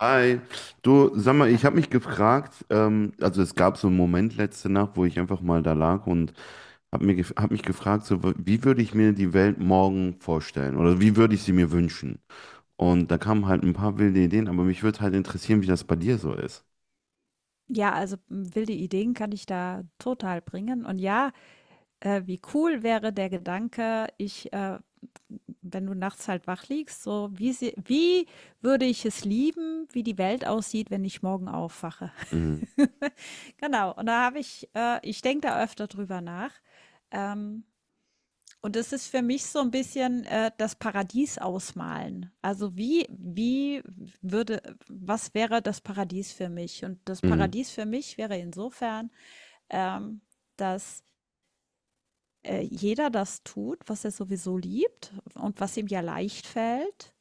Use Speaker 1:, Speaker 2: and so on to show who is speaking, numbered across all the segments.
Speaker 1: Hi, du, sag mal,
Speaker 2: Ja,
Speaker 1: ich habe mich gefragt, also es gab so einen Moment letzte Nacht, wo ich einfach mal da lag und hab mich gefragt, so, wie würde ich mir die Welt morgen vorstellen oder wie würde ich sie mir wünschen? Und da kamen halt ein paar wilde Ideen, aber mich würde halt interessieren, wie das bei dir so ist.
Speaker 2: ja, also wilde Ideen kann ich da total bringen. Und ja, wie cool wäre der Gedanke: wenn du nachts halt wach liegst, so wie würde ich es lieben, wie die Welt aussieht, wenn ich morgen aufwache?
Speaker 1: Mhm.
Speaker 2: Genau, und da ich denke da öfter drüber nach. Ähm, Und es ist für mich so ein bisschen, das Paradies ausmalen. Also, wie wie würde was wäre das Paradies für mich? Und das
Speaker 1: Mhm.
Speaker 2: Paradies für mich wäre insofern, ähm, dass, äh, jeder das tut, was er sowieso liebt und was ihm ja leicht fällt.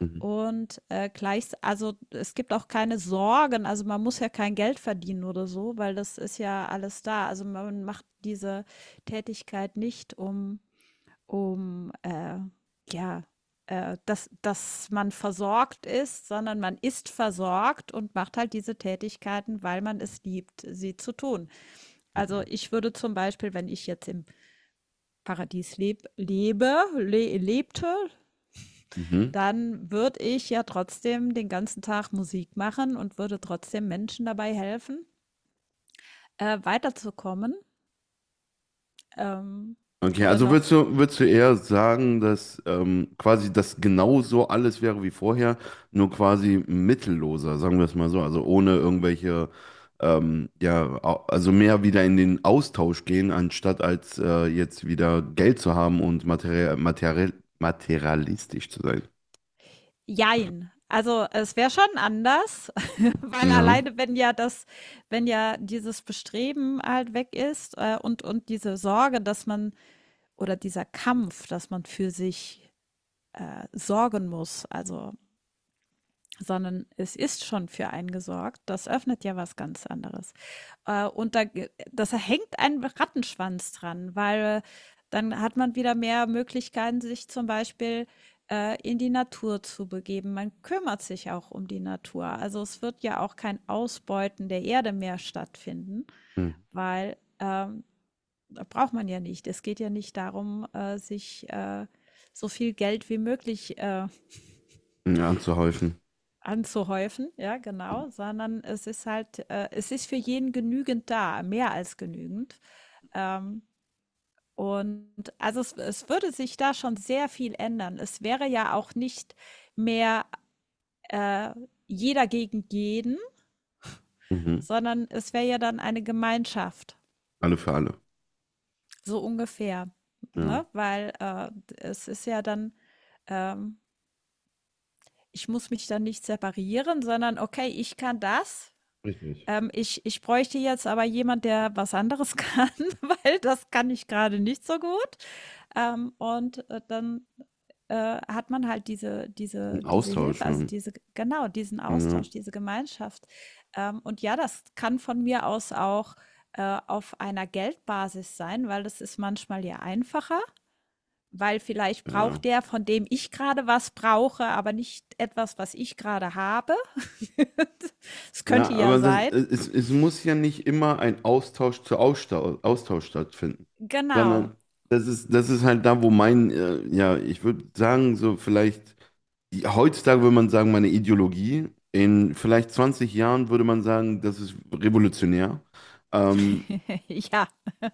Speaker 1: Mhm.
Speaker 2: Und, gleichs also, es gibt auch keine Sorgen. Also, man muss ja kein Geld verdienen oder so, weil das ist ja alles da. Also, man macht diese Tätigkeit nicht, um, ja, dass, dass man versorgt ist, sondern man ist versorgt und macht halt diese Tätigkeiten, weil man es liebt, sie zu tun. Also
Speaker 1: Ja.
Speaker 2: ich würde zum Beispiel, wenn ich jetzt im Paradies leb, lebe, le lebte,
Speaker 1: Mhm.
Speaker 2: dann würde ich ja trotzdem den ganzen Tag Musik machen und würde trotzdem Menschen dabei weiterzukommen. Ähm,
Speaker 1: Okay,
Speaker 2: oder
Speaker 1: also
Speaker 2: noch
Speaker 1: würdest du eher sagen, dass quasi das genauso alles wäre wie vorher, nur quasi mittelloser, sagen wir es mal so, also ohne irgendwelche, ja, also mehr wieder in den Austausch gehen, anstatt als jetzt wieder Geld zu haben und materie materie materialistisch zu sein.
Speaker 2: Jein. Also es wäre schon anders, weil
Speaker 1: Ja,
Speaker 2: alleine, wenn ja das, wenn ja dieses Bestreben halt weg ist, und diese Sorge, dass man, oder dieser Kampf, dass man für sich sorgen muss. Sondern es ist schon für einen gesorgt. Das öffnet ja was ganz anderes. Und da, das hängt ein Rattenschwanz dran, weil dann hat man wieder mehr Möglichkeiten, sich zum Beispiel in die Natur zu begeben. Man kümmert sich auch um die Natur. Also es wird ja auch kein Ausbeuten der Erde mehr stattfinden,
Speaker 1: hm.
Speaker 2: weil da braucht man ja nicht. Es geht ja nicht darum, sich so viel Geld wie möglich
Speaker 1: Ja, anzuhäufen.
Speaker 2: anzuhäufen, ja, genau, sondern es ist halt, es ist für jeden genügend da, mehr als genügend. Ähm, und also es würde sich da schon sehr viel ändern. Es wäre ja auch nicht mehr äh, jeder gegen jeden,
Speaker 1: Mhm.
Speaker 2: sondern es wäre ja dann eine Gemeinschaft,
Speaker 1: Alle für alle.
Speaker 2: so ungefähr,
Speaker 1: Ja.
Speaker 2: ne? Weil es ist ja dann, ähm, ich muss mich dann nicht separieren, sondern okay, ich kann das.
Speaker 1: Richtig.
Speaker 2: Ich bräuchte jetzt aber jemand, der was anderes kann, weil das kann ich gerade nicht so gut. Dann hat man halt diese diese
Speaker 1: Ein
Speaker 2: diese
Speaker 1: Austausch.
Speaker 2: Hilfe, also diese genau, diesen
Speaker 1: Ja,
Speaker 2: Austausch, diese Gemeinschaft. Ja, das kann von mir aus auch auf einer Geldbasis sein, weil das ist manchmal ja einfacher, weil vielleicht
Speaker 1: ja.
Speaker 2: braucht der, von dem ich gerade was brauche, aber nicht etwas, was ich gerade habe. Es
Speaker 1: Ja,
Speaker 2: könnte ja
Speaker 1: aber
Speaker 2: sein.
Speaker 1: es muss ja nicht immer ein Austausch stattfinden,
Speaker 2: Genau.
Speaker 1: sondern das ist halt da, wo mein, ja, ich würde sagen, so vielleicht, heutzutage würde man sagen, meine Ideologie, in vielleicht 20 Jahren würde man sagen, das ist revolutionär. Ähm,
Speaker 2: Ja.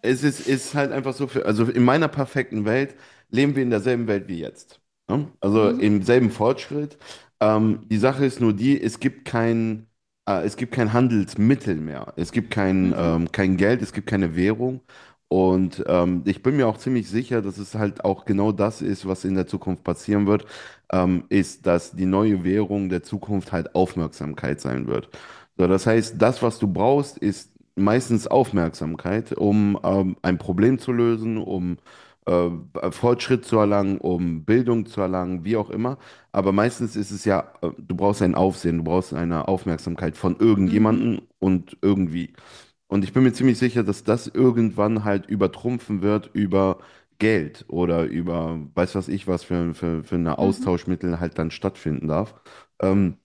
Speaker 1: ist halt einfach so, für, also in meiner perfekten Welt leben wir in derselben Welt wie jetzt. Ne? Also
Speaker 2: Mhm.
Speaker 1: im selben Fortschritt. Die Sache ist nur die, es gibt kein Handelsmittel mehr. Es gibt kein,
Speaker 2: Mhm.
Speaker 1: kein Geld, es gibt keine Währung. Und ich bin mir auch ziemlich sicher, dass es halt auch genau das ist, was in der Zukunft passieren wird, ist, dass die neue Währung der Zukunft halt Aufmerksamkeit sein wird. So, das heißt, das, was du brauchst, ist meistens Aufmerksamkeit, um ein Problem zu lösen, um äh, Fortschritt zu erlangen, um Bildung zu erlangen, wie auch immer. Aber meistens ist es ja, du brauchst ein Aufsehen, du brauchst eine Aufmerksamkeit von
Speaker 2: Mhm.
Speaker 1: irgendjemandem und irgendwie. Und ich bin mir ziemlich sicher, dass das irgendwann halt übertrumpfen wird über Geld oder über, weiß was ich, was für ein
Speaker 2: Mhm.
Speaker 1: Austauschmittel halt dann stattfinden darf. Ähm,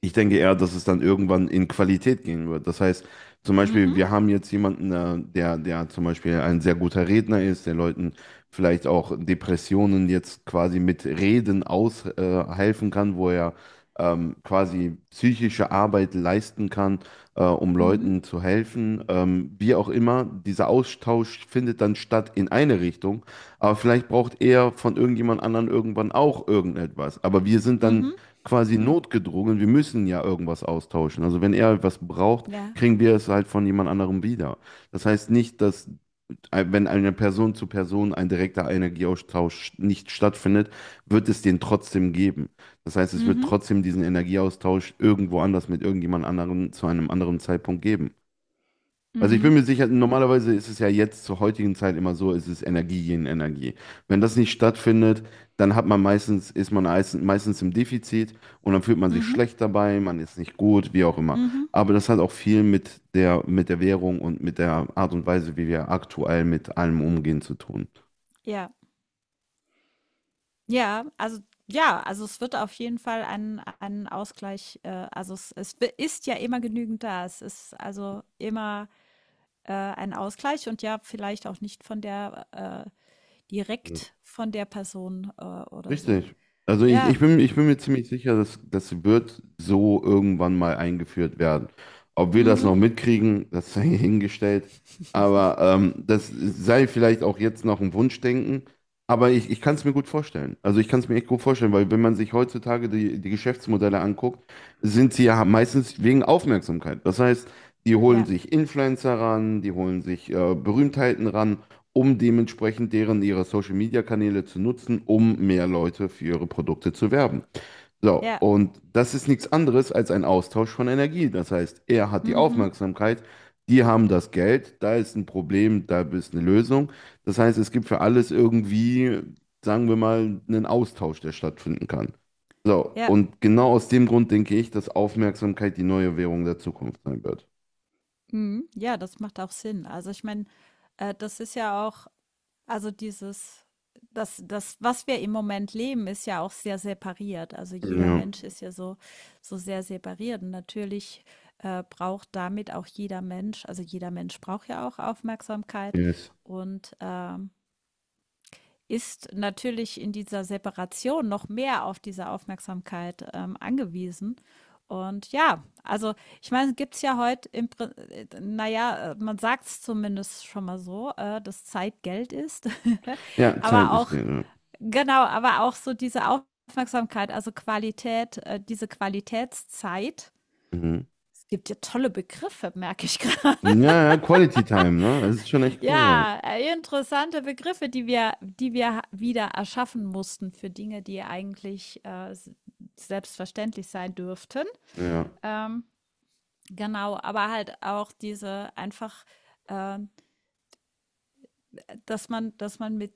Speaker 1: ich denke eher, dass es dann irgendwann in Qualität gehen wird. Das heißt, zum Beispiel,
Speaker 2: Mhm.
Speaker 1: wir haben jetzt jemanden, der zum Beispiel ein sehr guter Redner ist, der Leuten vielleicht auch Depressionen jetzt quasi mit Reden aushelfen helfen kann, wo er quasi psychische Arbeit leisten kann, um
Speaker 2: Mhm.
Speaker 1: Leuten zu helfen. Wie auch immer, dieser Austausch findet dann statt in eine Richtung, aber vielleicht braucht er von irgendjemand anderen irgendwann auch irgendetwas. Aber wir sind dann
Speaker 2: Mhm.
Speaker 1: quasi notgedrungen, wir müssen ja irgendwas austauschen. Also wenn er was braucht,
Speaker 2: Ja.
Speaker 1: kriegen wir es halt von jemand anderem wieder. Das heißt nicht, dass wenn eine Person zu Person ein direkter Energieaustausch nicht stattfindet, wird es den trotzdem geben. Das heißt, es wird
Speaker 2: Mhm.
Speaker 1: trotzdem diesen Energieaustausch irgendwo anders mit irgendjemand anderen zu einem anderen Zeitpunkt geben. Also ich bin
Speaker 2: Mhm.
Speaker 1: mir sicher, normalerweise ist es ja jetzt zur heutigen Zeit immer so, es ist Energie gegen Energie. Wenn das nicht stattfindet, dann hat man meistens, meistens im Defizit und dann fühlt man sich
Speaker 2: Mhm.
Speaker 1: schlecht dabei, man ist nicht gut, wie auch immer.
Speaker 2: Mhm.
Speaker 1: Aber das hat auch viel mit der Währung und mit der Art und Weise, wie wir aktuell mit allem umgehen, zu tun.
Speaker 2: Ja. Ja, also ja, also es wird auf jeden Fall ein Ausgleich, also es, ist ja immer genügend da. Es ist also immer ein Ausgleich und ja, vielleicht auch nicht von der äh, direkt von der Person oder so.
Speaker 1: Richtig. Also
Speaker 2: Ja.
Speaker 1: ich bin mir ziemlich sicher, dass das wird so irgendwann mal eingeführt werden. Ob wir das noch
Speaker 2: Mhm.
Speaker 1: mitkriegen, das sei hingestellt. Aber das sei vielleicht auch jetzt noch ein Wunschdenken. Aber ich kann es mir gut vorstellen. Also ich kann es mir echt gut vorstellen, weil wenn man sich heutzutage die Geschäftsmodelle anguckt, sind sie ja meistens wegen Aufmerksamkeit. Das heißt, die holen
Speaker 2: Ja.
Speaker 1: sich Influencer ran, die holen sich Berühmtheiten ran, um dementsprechend deren ihre Social Media Kanäle zu nutzen, um mehr Leute für ihre Produkte zu werben. So,
Speaker 2: Ja.
Speaker 1: und das ist nichts anderes als ein Austausch von Energie. Das heißt, er hat die
Speaker 2: Mhm.
Speaker 1: Aufmerksamkeit, die haben das Geld, da ist ein Problem, da ist eine Lösung. Das heißt, es gibt für alles irgendwie, sagen wir mal, einen Austausch, der stattfinden kann. So,
Speaker 2: Ja.
Speaker 1: und genau aus dem Grund denke ich, dass Aufmerksamkeit die neue Währung der Zukunft sein wird.
Speaker 2: Mhm. Ja, das macht auch Sinn. Also ich meine, das ist ja auch. Also dieses das das, was wir im Moment leben, ist ja auch sehr separiert. Also jeder
Speaker 1: Mhm.
Speaker 2: Mensch ist ja so so sehr separiert und natürlich, braucht damit auch jeder Mensch also jeder Mensch braucht ja auch
Speaker 1: Ja,
Speaker 2: Aufmerksamkeit
Speaker 1: yes.
Speaker 2: und, ist natürlich in dieser Separation noch mehr auf diese Aufmerksamkeit angewiesen. Und ja, also ich meine, gibt es ja heute, man sagt es zumindest schon mal so, dass Zeit Geld ist.
Speaker 1: Ja, Zeit
Speaker 2: Aber
Speaker 1: ist
Speaker 2: auch,
Speaker 1: Geld. Ja.
Speaker 2: genau, aber auch so diese Aufmerksamkeit, also Qualität, diese Qualitätszeit.
Speaker 1: Mhm.
Speaker 2: Es gibt ja tolle Begriffe, merke ich gerade.
Speaker 1: Ja, ja, Quality Time, ne? Das ist schon echt cool.
Speaker 2: Ja, Interessante Begriffe, die wir wieder erschaffen mussten für Dinge, die eigentlich selbstverständlich sein dürften.
Speaker 1: Ja, ja.
Speaker 2: Ähm, genau, aber halt auch diese einfach, äh, dass man mit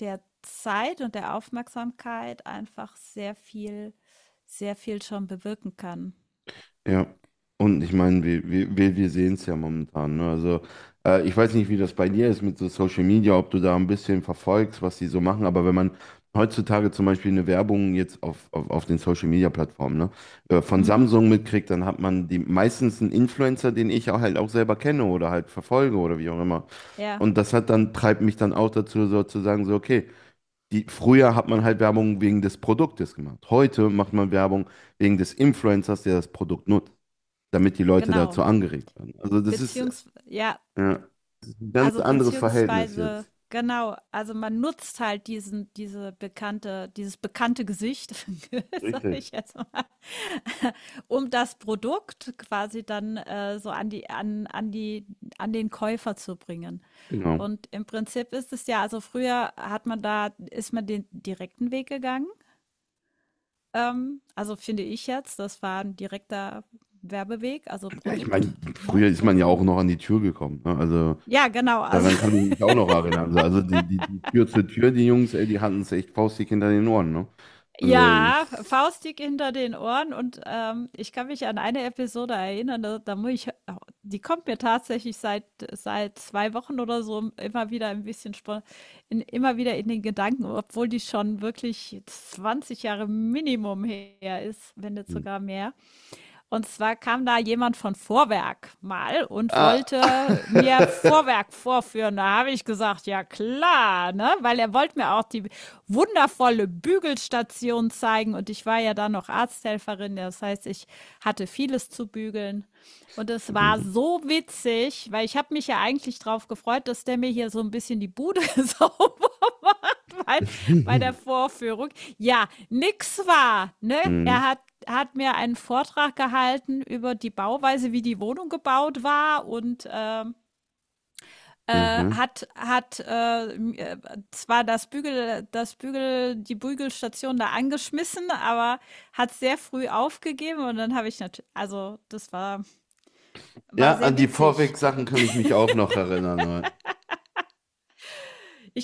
Speaker 2: der Zeit und der Aufmerksamkeit einfach sehr viel schon bewirken kann.
Speaker 1: Ja. Und ich meine, wir sehen es ja momentan, ne? Also, ich weiß nicht, wie das bei dir ist mit so Social Media, ob du da ein bisschen verfolgst, was die so machen, aber wenn man heutzutage zum Beispiel eine Werbung jetzt auf den Social Media Plattformen, ne, von
Speaker 2: Mhm.
Speaker 1: Samsung mitkriegt, dann hat man die meistens einen Influencer, den ich auch halt auch selber kenne oder halt verfolge oder wie auch immer.
Speaker 2: Ja,
Speaker 1: Und das hat dann, treibt mich dann auch dazu, sozusagen, so, okay. Die, früher hat man halt Werbung wegen des Produktes gemacht. Heute macht man Werbung wegen des Influencers, der das Produkt nutzt, damit die Leute dazu
Speaker 2: genau.
Speaker 1: angeregt werden. Also das ist,
Speaker 2: Beziehungsweise, ja,
Speaker 1: ja, das ist ein ganz
Speaker 2: also,
Speaker 1: anderes Verhältnis
Speaker 2: beziehungsweise
Speaker 1: jetzt.
Speaker 2: genau, also, man nutzt halt diesen diese bekannte dieses bekannte Gesicht, sage
Speaker 1: Richtig.
Speaker 2: ich jetzt mal, um das Produkt quasi dann so an die an den Käufer zu bringen.
Speaker 1: Genau.
Speaker 2: Und im Prinzip ist es ja also, früher hat man da ist man den direkten Weg gegangen, also, finde ich jetzt, das war ein direkter Werbeweg, also,
Speaker 1: Ja, ich meine,
Speaker 2: Produkt, ne,
Speaker 1: früher ist
Speaker 2: so,
Speaker 1: man ja auch
Speaker 2: hm.
Speaker 1: noch an die Tür gekommen. Ne? Also
Speaker 2: Ja, genau, also
Speaker 1: daran kann ich mich auch noch erinnern. Also die Tür zur Tür, die Jungs, ey, die hatten es echt faustdick hinter den Ohren. Ne? Also,
Speaker 2: ja,
Speaker 1: es-
Speaker 2: faustdick hinter den Ohren und, ich kann mich an eine Episode erinnern, da muss ich, die kommt mir tatsächlich seit 2 Wochen oder so immer wieder ein bisschen spo in immer wieder in den Gedanken, obwohl die schon wirklich 20 Jahre Minimum her ist, wenn nicht sogar mehr. Und zwar kam da jemand von Vorwerk mal und
Speaker 1: ah.
Speaker 2: wollte mir Vorwerk vorführen. Da habe ich gesagt, ja klar, ne? Weil er wollte mir auch die wundervolle Bügelstation zeigen. Und ich war ja dann noch Arzthelferin. Das heißt, ich hatte vieles zu bügeln. Und es war
Speaker 1: Mhm.
Speaker 2: so witzig, weil ich habe mich ja eigentlich drauf gefreut, dass der mir hier so ein bisschen die Bude sauber bei, bei der Vorführung. Ja, nix war. Ne? Er
Speaker 1: Mhm.
Speaker 2: hat, hat mir einen Vortrag gehalten über die Bauweise, wie die Wohnung gebaut war und
Speaker 1: Mhm.
Speaker 2: hat zwar das Bügel die Bügelstation da angeschmissen, aber hat sehr früh aufgegeben und dann habe ich natürlich also das war
Speaker 1: Ja,
Speaker 2: war
Speaker 1: an
Speaker 2: sehr
Speaker 1: die
Speaker 2: witzig.
Speaker 1: Vorweg-Sachen kann ich mich auch noch erinnern.